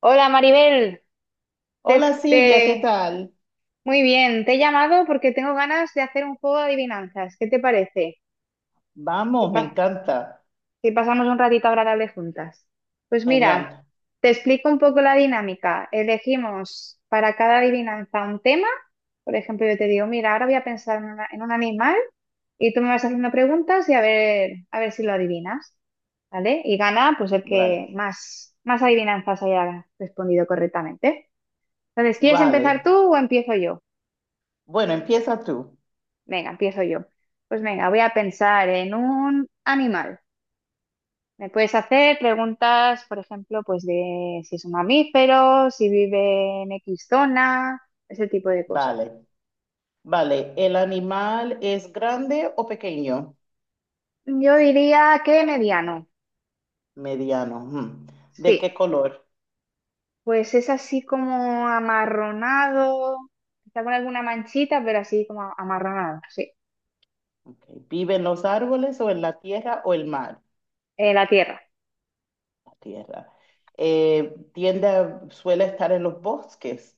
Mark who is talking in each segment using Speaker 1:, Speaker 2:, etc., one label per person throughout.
Speaker 1: Hola Maribel, te,
Speaker 2: Hola Silvia, ¿qué
Speaker 1: te-
Speaker 2: tal?
Speaker 1: muy bien, te he llamado porque tengo ganas de hacer un juego de adivinanzas. ¿Qué te parece? Que,
Speaker 2: Vamos, me
Speaker 1: pa-
Speaker 2: encanta.
Speaker 1: que pasamos un ratito agradable juntas. Pues mira,
Speaker 2: Genial.
Speaker 1: te explico un poco la dinámica. Elegimos para cada adivinanza un tema. Por ejemplo, yo te digo, mira, ahora voy a pensar en un animal y tú me vas haciendo preguntas y a ver si lo adivinas, ¿vale? Y gana pues el que
Speaker 2: Vale,
Speaker 1: más adivinanzas haya respondido correctamente. Entonces, ¿quieres empezar
Speaker 2: vale.
Speaker 1: tú o empiezo yo?
Speaker 2: Bueno, empieza tú.
Speaker 1: Venga, empiezo yo. Pues venga, voy a pensar en un animal. Me puedes hacer preguntas, por ejemplo, pues de si es un mamífero, si vive en X zona, ese tipo de cosas.
Speaker 2: Vale, vale. ¿El animal es grande o pequeño?
Speaker 1: Yo diría que mediano.
Speaker 2: Mediano. Ujú. ¿De qué
Speaker 1: Sí,
Speaker 2: color?
Speaker 1: pues es así como amarronado, está con alguna manchita, pero así como amarronado, sí.
Speaker 2: Ok. ¿Vive en los árboles o en la tierra o el mar?
Speaker 1: La tierra.
Speaker 2: La tierra. Suele estar en los bosques.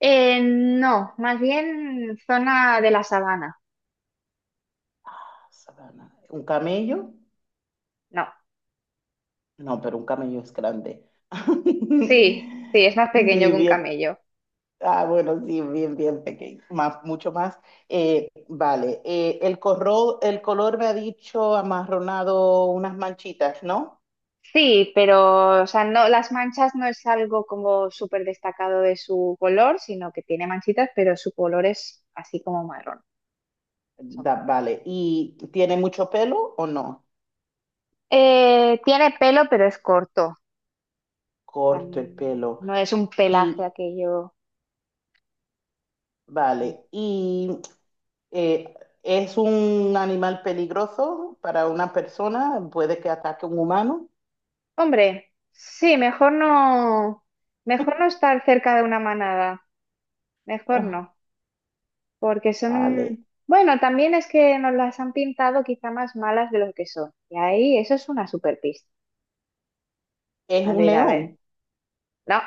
Speaker 1: No, más bien zona de la sabana.
Speaker 2: Sabana. ¿Un camello?
Speaker 1: No.
Speaker 2: No, pero un camello es grande.
Speaker 1: Sí, sí, es más pequeño
Speaker 2: Sí,
Speaker 1: que un
Speaker 2: bien.
Speaker 1: camello.
Speaker 2: Ah, bueno, sí, bien, bien pequeño, más, mucho más. Vale, el color me ha dicho amarronado unas manchitas, ¿no?
Speaker 1: Sí, pero o sea, no, las manchas no es algo como súper destacado de su color, sino que tiene manchitas, pero su color es así como marrón, más o menos.
Speaker 2: Vale, ¿y tiene mucho pelo o no?
Speaker 1: Tiene pelo, pero es corto.
Speaker 2: Corto el pelo.
Speaker 1: No es un pelaje
Speaker 2: Y,
Speaker 1: aquello.
Speaker 2: vale, ¿y eh, es un animal peligroso para una persona? ¿Puede que ataque a un humano?
Speaker 1: Hombre, sí, mejor no estar cerca de una manada. Mejor
Speaker 2: Ah,
Speaker 1: no. Porque
Speaker 2: vale,
Speaker 1: son, bueno, también es que nos las han pintado quizá más malas de lo que son. Y ahí eso es una super pista.
Speaker 2: ¿es
Speaker 1: A
Speaker 2: un
Speaker 1: ver, a ver.
Speaker 2: león?
Speaker 1: No,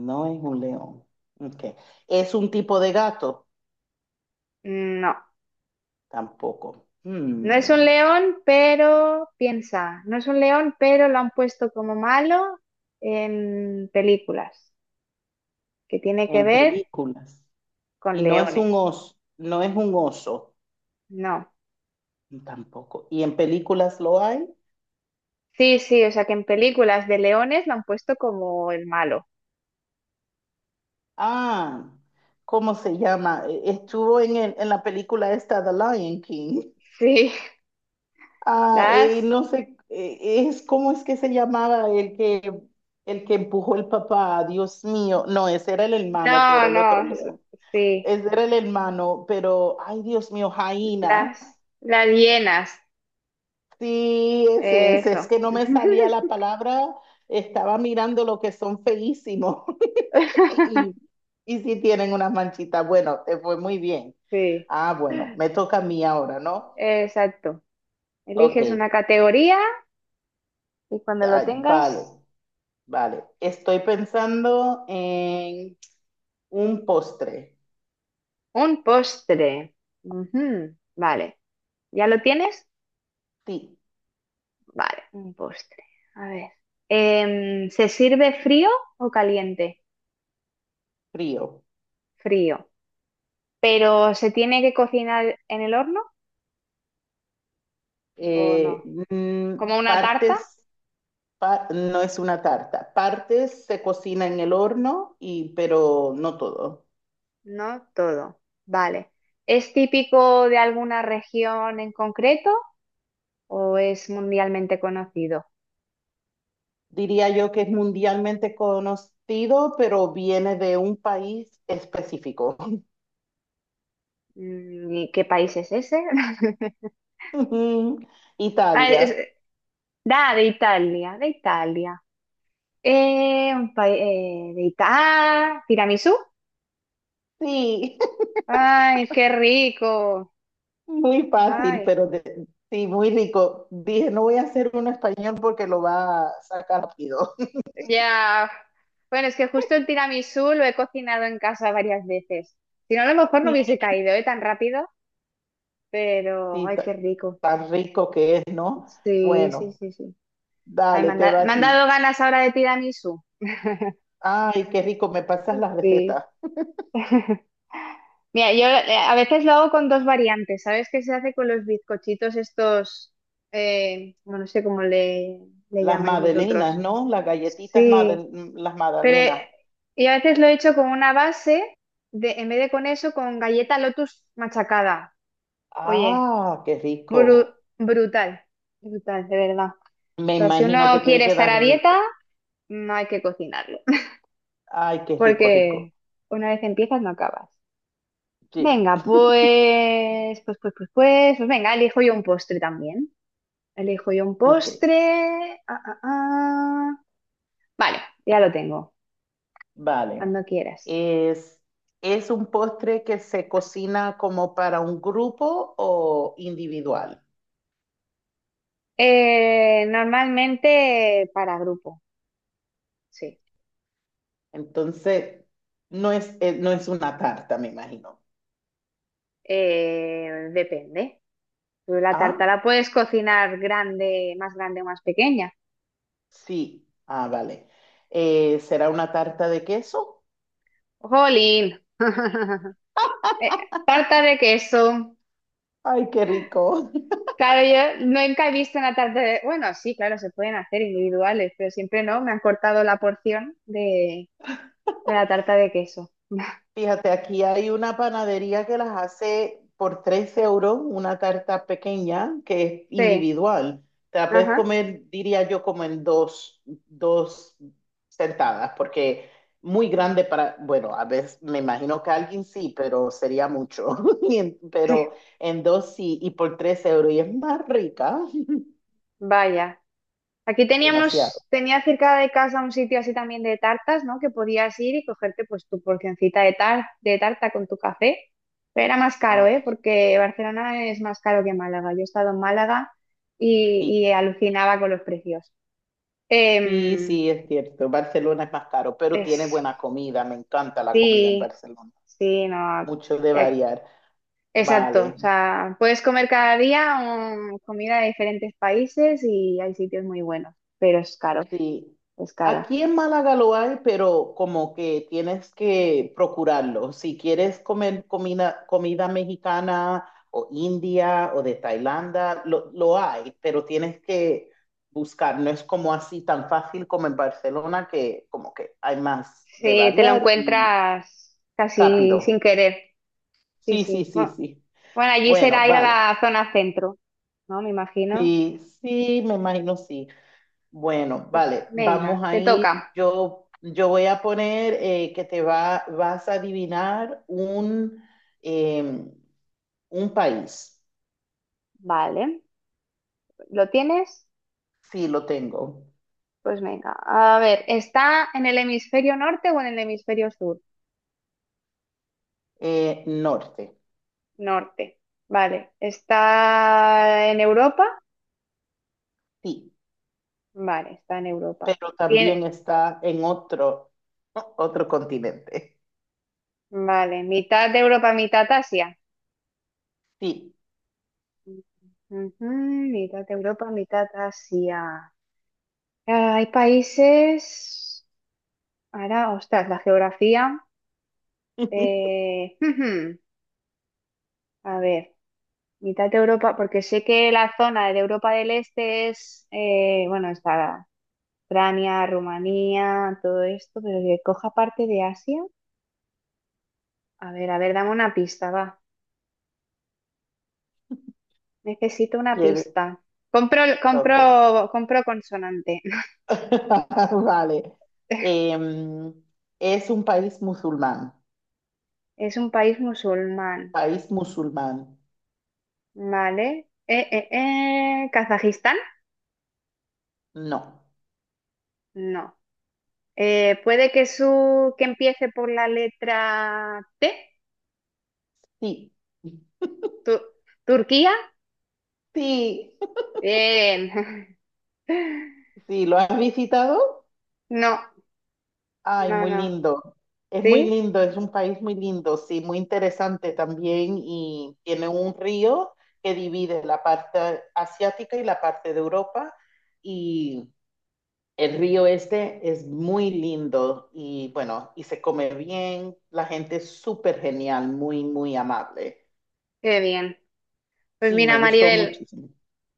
Speaker 2: No es un león. Ok. ¿Es un tipo de gato?
Speaker 1: no.
Speaker 2: Tampoco.
Speaker 1: No es un león, pero piensa, no es un león, pero lo han puesto como malo en películas, que tiene que
Speaker 2: En
Speaker 1: ver
Speaker 2: películas.
Speaker 1: con
Speaker 2: Y no es un
Speaker 1: leones.
Speaker 2: oso, no es un oso,
Speaker 1: No.
Speaker 2: tampoco. ¿Y en películas lo hay?
Speaker 1: Sí, sí, o sea que en películas de leones lo han puesto como el malo.
Speaker 2: Ah, ¿cómo se llama? Estuvo en, en la película esta, The Lion King.
Speaker 1: Sí,
Speaker 2: Ah,
Speaker 1: las...
Speaker 2: no sé, es, ¿cómo es que se llamaba el que empujó el papá? Dios mío. No, ese era el hermano que
Speaker 1: No,
Speaker 2: era el otro
Speaker 1: no,
Speaker 2: león.
Speaker 1: sí,
Speaker 2: Ese era el hermano, pero, ay, Dios mío, Jaina.
Speaker 1: las... Las hienas.
Speaker 2: Sí,
Speaker 1: Eso.
Speaker 2: es que no me salía la palabra, estaba mirando lo que son feísimos y, y sí tienen unas manchitas. Bueno, te fue muy bien.
Speaker 1: Sí,
Speaker 2: Ah, bueno, me toca a mí ahora, ¿no?
Speaker 1: exacto.
Speaker 2: Ok,
Speaker 1: Eliges una categoría y cuando lo
Speaker 2: ay, vale,
Speaker 1: tengas,
Speaker 2: vale. Estoy pensando en un postre,
Speaker 1: un postre. Ujú, vale. ¿Ya lo tienes?
Speaker 2: sí,
Speaker 1: Vale, un postre. A ver. ¿Se sirve frío o caliente?
Speaker 2: frío.
Speaker 1: Frío. ¿Pero se tiene que cocinar en el horno o
Speaker 2: Eh,
Speaker 1: no?
Speaker 2: mm,
Speaker 1: ¿Como una tarta?
Speaker 2: partes, no es una tarta, partes se cocina en el horno, y, pero no todo.
Speaker 1: No, todo. Vale. ¿Es típico de alguna región en concreto ¿O es mundialmente conocido?
Speaker 2: Diría yo que es mundialmente conocido, pero viene de un país específico.
Speaker 1: Mm, ¿y qué país es ese? Ah, es-
Speaker 2: Italia.
Speaker 1: Da, de Italia, de Italia. Un país de Italia. Ah, tiramisú.
Speaker 2: Sí,
Speaker 1: Ay, qué rico.
Speaker 2: muy fácil,
Speaker 1: Ay,
Speaker 2: sí, muy rico. Dije, no voy a hacer uno español porque lo va a sacar rápido.
Speaker 1: ya. Bueno, es que justo el tiramisú lo he cocinado en casa varias veces. Si no, a lo mejor no
Speaker 2: Sí,
Speaker 1: hubiese caído, ¿eh? Tan rápido, pero
Speaker 2: sí,
Speaker 1: ay, qué rico.
Speaker 2: tan rico que es, ¿no?
Speaker 1: Sí, sí,
Speaker 2: Bueno,
Speaker 1: sí, sí. Ay,
Speaker 2: dale, te va
Speaker 1: me
Speaker 2: a
Speaker 1: han
Speaker 2: ti.
Speaker 1: dado ganas ahora de tiramisú.
Speaker 2: Ay, qué rico, me pasas las
Speaker 1: Sí.
Speaker 2: recetas.
Speaker 1: Mira, yo a veces lo hago con dos variantes. ¿Sabes qué se hace con los bizcochitos estos? Bueno, no sé le
Speaker 2: Las
Speaker 1: llamáis
Speaker 2: magdalenas,
Speaker 1: vosotros.
Speaker 2: ¿no? Las galletitas,
Speaker 1: Sí,
Speaker 2: las
Speaker 1: pero
Speaker 2: magdalenas.
Speaker 1: y a veces lo he hecho con una base, de, en vez de con eso, con galleta Lotus machacada. Oye,
Speaker 2: Ah, qué rico.
Speaker 1: brutal, brutal, de verdad. O
Speaker 2: Me
Speaker 1: sea, si
Speaker 2: imagino que
Speaker 1: uno
Speaker 2: tiene
Speaker 1: quiere
Speaker 2: que
Speaker 1: estar
Speaker 2: dar
Speaker 1: a dieta,
Speaker 2: rico.
Speaker 1: no hay que cocinarlo,
Speaker 2: Ay, qué rico, rico.
Speaker 1: porque una vez empiezas no acabas.
Speaker 2: Sí,
Speaker 1: Venga, pues venga, elijo yo un postre también. Elijo yo un
Speaker 2: ok,
Speaker 1: postre. Ah, ah, ah. Vale, ya lo tengo,
Speaker 2: vale.
Speaker 1: cuando quieras.
Speaker 2: Es, ¿Es un postre que se cocina como para un grupo o individual?
Speaker 1: Normalmente para grupo, sí.
Speaker 2: Entonces, no es, no es una tarta, me imagino.
Speaker 1: Depende. Tú la tarta
Speaker 2: Ah,
Speaker 1: la puedes cocinar grande, más grande o más pequeña.
Speaker 2: sí. Ah, vale. ¿Será una tarta de queso?
Speaker 1: ¡Jolín! Eh, Tarta de queso.
Speaker 2: Ay, qué rico.
Speaker 1: Claro, yo nunca he visto una tarta de... Bueno, sí, claro, se pueden hacer individuales, pero siempre no, me han cortado de la tarta de queso.
Speaker 2: Fíjate, aquí hay una panadería que las hace por 3 euros, una tarta pequeña que es
Speaker 1: Sí,
Speaker 2: individual. Te la puedes
Speaker 1: ajá,
Speaker 2: comer, diría yo, como en dos, dos sentadas, porque muy grande para, bueno, a veces me imagino que alguien sí, pero sería mucho.
Speaker 1: sí,
Speaker 2: Pero en dos sí, y por 3 euros, y es más rica,
Speaker 1: vaya. Aquí
Speaker 2: demasiado.
Speaker 1: teníamos, tenía cerca de casa un sitio así también de tartas, ¿no? Que podías ir y cogerte pues tu porcioncita de tarta con tu café, pero era más caro,
Speaker 2: Ah,
Speaker 1: ¿eh?
Speaker 2: qué-
Speaker 1: Porque Barcelona es más caro que Málaga. Yo he estado en Málaga
Speaker 2: sí,
Speaker 1: y alucinaba con los precios.
Speaker 2: sí,
Speaker 1: Em,
Speaker 2: sí, es cierto. Barcelona es más caro, pero tiene
Speaker 1: es
Speaker 2: buena comida, me encanta la comida en
Speaker 1: Sí,
Speaker 2: Barcelona.
Speaker 1: sí, no.
Speaker 2: Mucho de
Speaker 1: ya-
Speaker 2: variar.
Speaker 1: Exacto.
Speaker 2: Vale,
Speaker 1: O sea, puedes comer cada día comida de diferentes países y hay sitios muy buenos, pero es caro,
Speaker 2: sí.
Speaker 1: es caro.
Speaker 2: Aquí en Málaga lo hay, pero como que tienes que procurarlo. Si quieres comer comida, comida mexicana o india o de Tailandia, lo hay, pero tienes que buscar. No es como así tan fácil como en Barcelona, que como que hay más de
Speaker 1: Sí, te lo
Speaker 2: variar y
Speaker 1: encuentras casi sin
Speaker 2: rápido.
Speaker 1: querer. Sí,
Speaker 2: Sí, sí,
Speaker 1: sí.
Speaker 2: sí,
Speaker 1: Bueno,
Speaker 2: sí.
Speaker 1: bueno, allí
Speaker 2: Bueno,
Speaker 1: será ir a
Speaker 2: vale.
Speaker 1: la zona centro, ¿no? Me imagino.
Speaker 2: Sí, sí, me imagino sí. Bueno,
Speaker 1: Pues
Speaker 2: vale, vamos
Speaker 1: venga,
Speaker 2: a
Speaker 1: te
Speaker 2: ir.
Speaker 1: toca.
Speaker 2: Yo voy a poner vas a adivinar eh, un país.
Speaker 1: Vale. ¿Lo tienes?
Speaker 2: Sí, lo tengo.
Speaker 1: Pues venga. A ver, ¿está en el hemisferio norte o en el hemisferio sur?
Speaker 2: Norte,
Speaker 1: Norte. Vale. ¿Está en Europa?
Speaker 2: sí,
Speaker 1: Vale, está en Europa.
Speaker 2: pero también
Speaker 1: Tiene-
Speaker 2: está en otro, otro continente.
Speaker 1: Vale. ¿Mitad de Europa, mitad Asia?
Speaker 2: Sí.
Speaker 1: Ujú, mitad de Europa, mitad Asia. Ah, hay países. Ahora, ostras, la geografía. Ujú. A ver, mitad de Europa, porque sé que la zona de Europa del Este es, bueno, está Ucrania, Rumanía, todo esto, pero que coja parte de Asia. A ver, dame una pista, va. Necesito una
Speaker 2: ¿Quieres?
Speaker 1: pista. Compro,
Speaker 2: Ok.
Speaker 1: compro, compro consonante.
Speaker 2: Vale. Em, es un país musulmán.
Speaker 1: Es un país musulmán,
Speaker 2: País musulmán.
Speaker 1: ¿vale? ¿Kazajistán?
Speaker 2: No.
Speaker 1: No. Puede que su que empiece por la letra T.
Speaker 2: Sí.
Speaker 1: Tu- ¿Turquía?
Speaker 2: Sí.
Speaker 1: Bien.
Speaker 2: Sí, ¿lo has visitado?
Speaker 1: No,
Speaker 2: Ay,
Speaker 1: no,
Speaker 2: muy
Speaker 1: no.
Speaker 2: lindo. Es muy
Speaker 1: ¿Sí?
Speaker 2: lindo, es un país muy lindo, sí, muy interesante también y tiene un río que divide la parte asiática y la parte de Europa y el río este es muy lindo y bueno, y se come bien, la gente es súper genial, muy, muy amable.
Speaker 1: Qué bien. Pues
Speaker 2: Sí,
Speaker 1: mira,
Speaker 2: me gustó
Speaker 1: Maribel,
Speaker 2: muchísimo.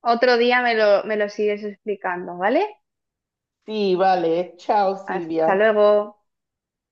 Speaker 1: otro día me lo sigues explicando, ¿vale?
Speaker 2: Sí, vale, chao
Speaker 1: Hasta
Speaker 2: Silvia.
Speaker 1: luego.